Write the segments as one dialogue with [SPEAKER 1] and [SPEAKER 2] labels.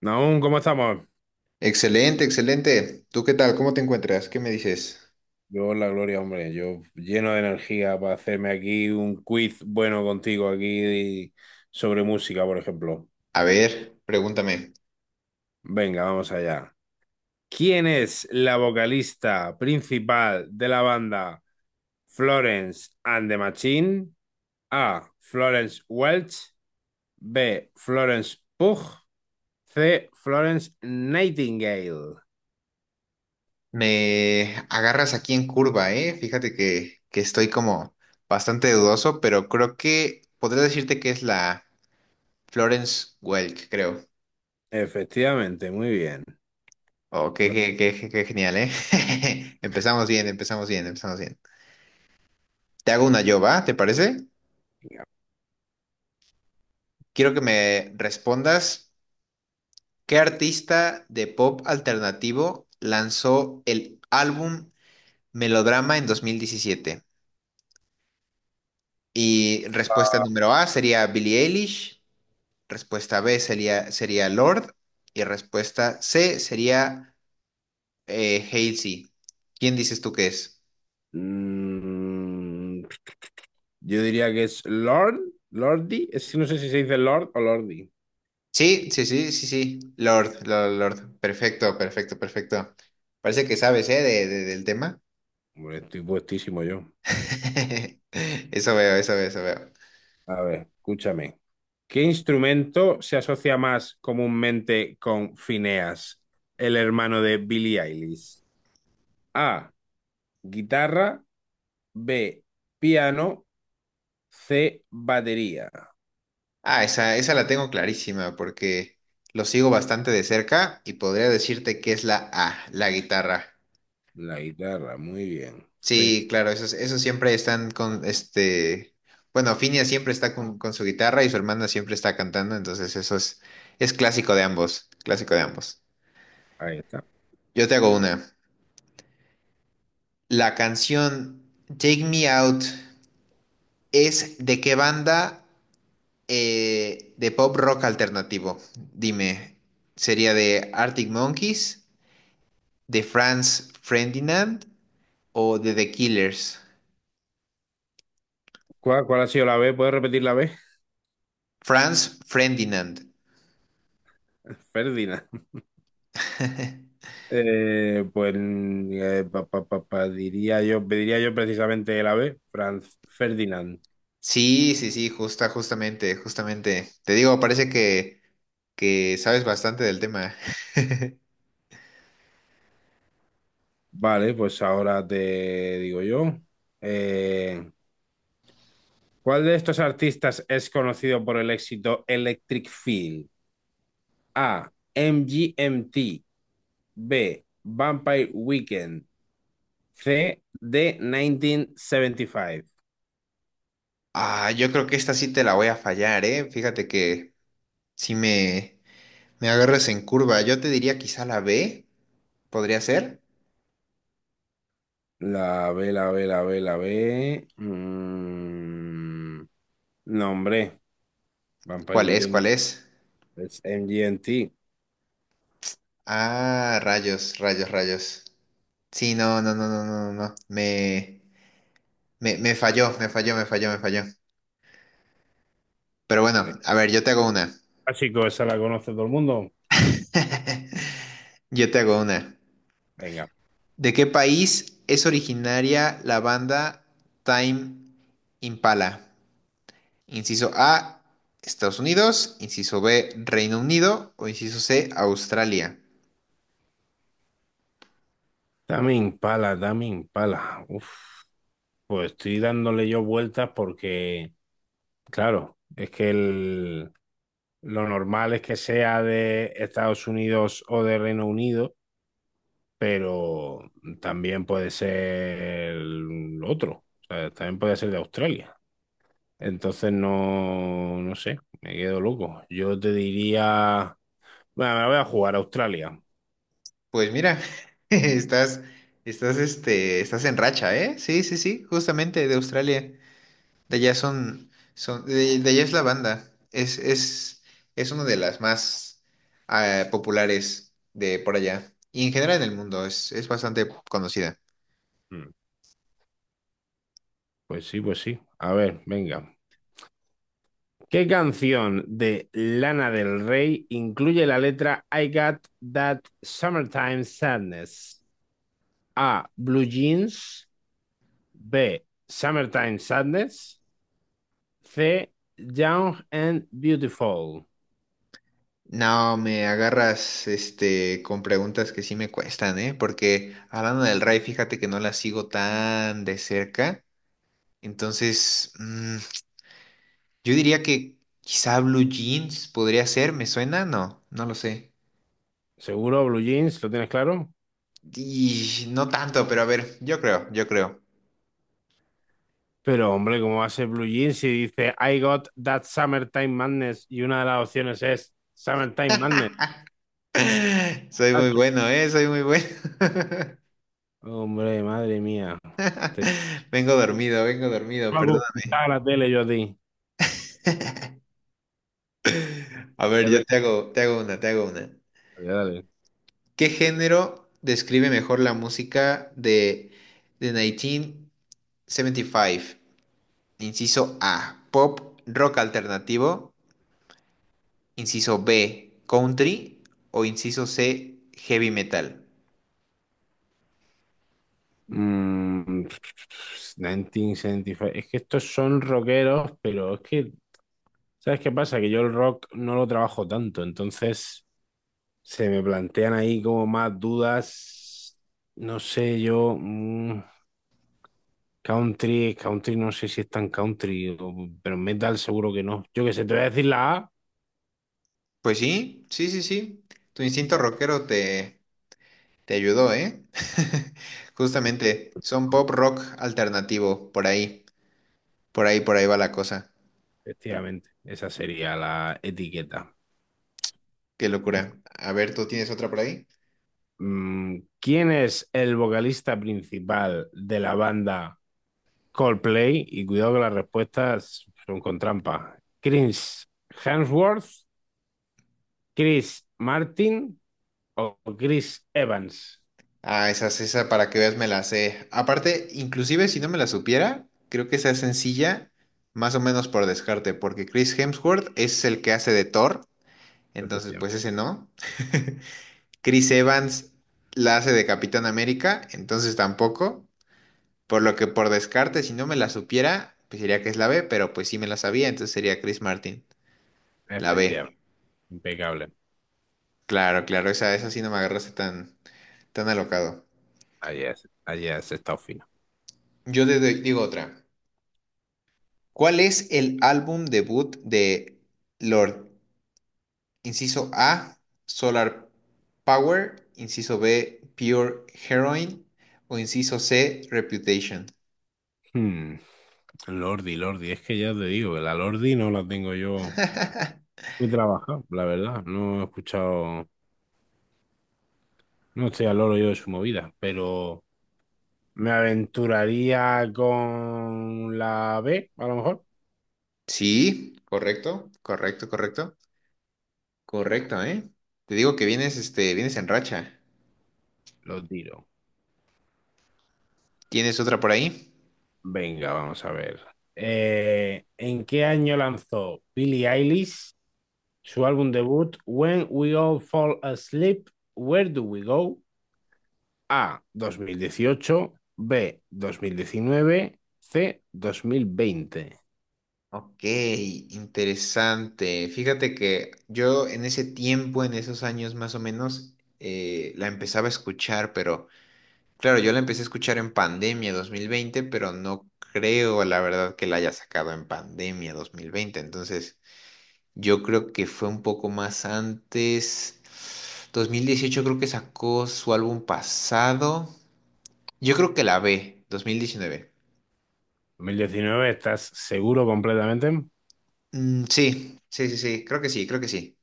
[SPEAKER 1] Naún, ¿cómo estamos?
[SPEAKER 2] Excelente, excelente. ¿Tú qué tal? ¿Cómo te encuentras? ¿Qué me dices?
[SPEAKER 1] Yo, la gloria, hombre, yo lleno de energía para hacerme aquí un quiz bueno contigo aquí sobre música, por ejemplo.
[SPEAKER 2] A ver, pregúntame.
[SPEAKER 1] Venga, vamos allá. ¿Quién es la vocalista principal de la banda Florence and the Machine? A. Florence Welch. B. Florence Pugh. C. Florence Nightingale.
[SPEAKER 2] Me agarras aquí en curva, ¿eh? Fíjate que estoy como bastante dudoso, pero creo que podría decirte que es la Florence Welk, creo.
[SPEAKER 1] Efectivamente, muy bien.
[SPEAKER 2] Oh, qué genial, ¿eh? Empezamos bien, empezamos bien, empezamos bien. Te hago una yo, ¿va? ¿Te parece?
[SPEAKER 1] Venga.
[SPEAKER 2] Quiero que me respondas, ¿qué artista de pop alternativo lanzó el álbum Melodrama en 2017? Y respuesta número A sería Billie Eilish, respuesta B sería Lord y respuesta C sería Halsey. ¿Quién dices tú que es?
[SPEAKER 1] Mm, yo diría que es Lord, Lordi. Es que no sé si se dice Lord o Lordi.
[SPEAKER 2] Sí, sí, sí, sí, sí, Lord, Lord, Lord. Perfecto, perfecto, perfecto. Parece que sabes, ¿eh? Del tema.
[SPEAKER 1] Hombre, estoy puestísimo yo.
[SPEAKER 2] Eso veo, eso veo, eso veo.
[SPEAKER 1] A ver, escúchame. ¿Qué instrumento se asocia más comúnmente con Phineas, el hermano de Billie Eilish? A, guitarra. B, piano. C, batería.
[SPEAKER 2] Ah, esa la tengo clarísima porque lo sigo bastante de cerca y podría decirte que es la A, la guitarra.
[SPEAKER 1] La guitarra, muy bien.
[SPEAKER 2] Sí, claro, esos, esos siempre están con este. Bueno, Finia siempre está con su guitarra y su hermana siempre está cantando, entonces eso es clásico de ambos, clásico de ambos.
[SPEAKER 1] Ahí está.
[SPEAKER 2] Yo te hago una. La canción Take Me Out es de qué banda, de pop rock alternativo. Dime, ¿sería de Arctic Monkeys, de Franz Ferdinand o de The Killers?
[SPEAKER 1] ¿Cuál ha sido la B? ¿Puedes repetir la B?
[SPEAKER 2] Franz Ferdinand.
[SPEAKER 1] Ferdinand. Diría yo, pediría yo precisamente el ave, Franz Ferdinand.
[SPEAKER 2] Sí, sí, sí, justa, justamente, justamente. Te digo, parece que sabes bastante del tema.
[SPEAKER 1] Vale, pues ahora te digo yo. Eh, ¿Cuál de estos artistas es conocido por el éxito Electric Feel? A. MGMT. B. Vampire Weekend. C. D. 1975.
[SPEAKER 2] Ah, yo creo que esta sí te la voy a fallar, ¿eh? Fíjate que si me, me agarras en curva, yo te diría quizá la B, podría ser.
[SPEAKER 1] La B, la B, la B, la B. Mm, No, hombre. Vampire
[SPEAKER 2] ¿Cuál es?
[SPEAKER 1] Weekend.
[SPEAKER 2] ¿Cuál es?
[SPEAKER 1] Es M G MGMT.
[SPEAKER 2] Ah, rayos, rayos, rayos. Sí, no, no, no, no, no, no, no. Me falló, me falló, me falló, me falló. Pero bueno, a ver, yo te hago una.
[SPEAKER 1] Ah, chicos, esa la conoce todo el mundo.
[SPEAKER 2] Yo te hago una.
[SPEAKER 1] Venga.
[SPEAKER 2] ¿De qué país es originaria la banda Time Impala? Inciso A, Estados Unidos, inciso B, Reino Unido o inciso C, Australia.
[SPEAKER 1] Dame Impala, Dame Impala. Pues estoy dándole yo vueltas porque, claro, lo normal es que sea de Estados Unidos o de Reino Unido, pero también puede ser otro. O sea, también puede ser de Australia. Entonces no sé, me quedo loco. Yo te diría, bueno, me la voy a jugar a Australia.
[SPEAKER 2] Pues mira, estás, estás, este, estás en racha, ¿eh? Sí, sí, sí, justamente de Australia. De allá son, son, de allá es la banda. Es una de las más populares de por allá. Y en general en el mundo es bastante conocida.
[SPEAKER 1] Mm. Pues sí, pues sí. A ver, venga. ¿Qué canción de Lana del Rey incluye la letra I Got That Summertime Sadness? A. Blue Jeans. B. Summertime Sadness. C. Young and Beautiful.
[SPEAKER 2] No, me agarras este con preguntas que sí me cuestan, ¿eh? Porque hablando del Rai, fíjate que no la sigo tan de cerca. Entonces, yo diría que quizá Blue Jeans podría ser, ¿me suena? No, no lo sé.
[SPEAKER 1] Seguro, Blue Jeans, ¿lo tienes claro?
[SPEAKER 2] Y no tanto, pero a ver, yo creo, yo creo.
[SPEAKER 1] Pero hombre, ¿cómo va a ser Blue Jeans si dice I Got That Summertime Madness y una de las opciones es Summertime Madness?
[SPEAKER 2] Soy muy
[SPEAKER 1] ¿Macho?
[SPEAKER 2] bueno, ¿eh? Soy muy bueno.
[SPEAKER 1] Hombre, madre mía.
[SPEAKER 2] Vengo dormido,
[SPEAKER 1] Me hago
[SPEAKER 2] perdóname.
[SPEAKER 1] escuchar la tele yo a ti.
[SPEAKER 2] A ver,
[SPEAKER 1] Es
[SPEAKER 2] yo
[SPEAKER 1] verdad,
[SPEAKER 2] te hago una, te hago una.
[SPEAKER 1] dale.
[SPEAKER 2] ¿Qué género describe mejor la música de 1975? Inciso A, pop, rock alternativo. Inciso B, country. O inciso C, heavy metal.
[SPEAKER 1] Mm, pff, 1975. Es que estos son rockeros, pero ¿sabes qué pasa? Que yo el rock no lo trabajo tanto, entonces se me plantean ahí como más dudas. No sé, country, country, no sé si es tan country, pero metal seguro que no. Yo qué sé, te voy a decir la A.
[SPEAKER 2] Pues sí, sí, sí, sí. Tu instinto
[SPEAKER 1] Bueno,
[SPEAKER 2] rockero te, te ayudó, ¿eh? Justamente, son pop, rock alternativo, por ahí. Por ahí, por ahí va la cosa.
[SPEAKER 1] efectivamente, esa sería la etiqueta.
[SPEAKER 2] Qué locura. A ver, ¿tú tienes otra por ahí?
[SPEAKER 1] ¿Quién es el vocalista principal de la banda Coldplay? Y cuidado que las respuestas son con trampa. ¿Chris Hemsworth, Chris Martin o Chris Evans?
[SPEAKER 2] Ah, esa para que veas me la sé. Aparte, inclusive si no me la supiera, creo que esa es sencilla, más o menos por descarte, porque Chris Hemsworth es el que hace de Thor, entonces
[SPEAKER 1] Efectivamente,
[SPEAKER 2] pues ese no. Chris Evans la hace de Capitán América, entonces tampoco. Por lo que por descarte, si no me la supiera, pues diría que es la B, pero pues sí me la sabía, entonces sería Chris Martin. La
[SPEAKER 1] efectivamente.
[SPEAKER 2] B.
[SPEAKER 1] Impecable.
[SPEAKER 2] Claro, claro, esa sí no me agarraste tan, tan alocado.
[SPEAKER 1] Allí has estado fino.
[SPEAKER 2] Digo otra. ¿Cuál es el álbum debut de Lord? Inciso A, Solar Power, inciso B, Pure Heroine o inciso C, Reputation.
[SPEAKER 1] Hmm, Lordi, Lordi, es que ya te digo que la Lordi no la tengo yo muy trabajada, la verdad. No he escuchado, no estoy al loro yo de su movida, pero me aventuraría con la B, a lo mejor.
[SPEAKER 2] Sí, correcto, correcto, correcto. Correcto, ¿eh? Te digo que vienes, este, vienes en racha.
[SPEAKER 1] Lo tiro.
[SPEAKER 2] ¿Tienes otra por ahí?
[SPEAKER 1] Venga, vamos a ver. ¿En qué año lanzó Billie Eilish su álbum debut When We All Fall Asleep, Where Do We Go? A, 2018. B, 2019. C, 2020.
[SPEAKER 2] Ok, interesante. Fíjate que yo en ese tiempo, en esos años más o menos, la empezaba a escuchar, pero... Claro, yo la empecé a escuchar en pandemia 2020, pero no creo, la verdad, que la haya sacado en pandemia 2020. Entonces, yo creo que fue un poco más antes. 2018 creo que sacó su álbum pasado. Yo creo que la B, 2019.
[SPEAKER 1] ¿Dos mil diecinueve, estás seguro completamente?
[SPEAKER 2] Sí, sí, sí, sí, creo que sí, creo que sí.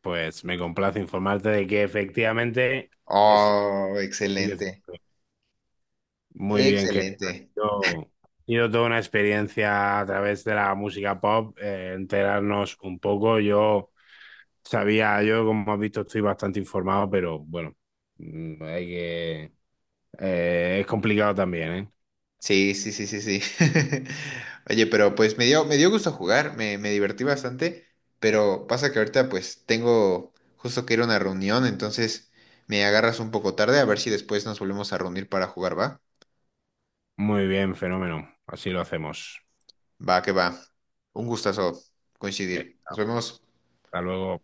[SPEAKER 1] Pues me complace informarte de que efectivamente es la
[SPEAKER 2] Oh,
[SPEAKER 1] 2019.
[SPEAKER 2] excelente,
[SPEAKER 1] Muy bien, querido.
[SPEAKER 2] excelente.
[SPEAKER 1] Yo he sido toda una experiencia a través de la música pop, enterarnos un poco. Yo sabía, yo como has visto estoy bastante informado, pero bueno, hay que... es complicado también, ¿eh?
[SPEAKER 2] Sí, sí, sí, sí, sí. Oye, pero pues me dio gusto jugar, me divertí bastante, pero pasa que ahorita pues tengo justo que ir a una reunión, entonces me agarras un poco tarde, a ver si después nos volvemos a reunir para jugar, ¿va?
[SPEAKER 1] Muy bien, fenómeno. Así lo hacemos.
[SPEAKER 2] Va, que va. Un gustazo coincidir.
[SPEAKER 1] Bien,
[SPEAKER 2] Nos vemos.
[SPEAKER 1] hasta luego.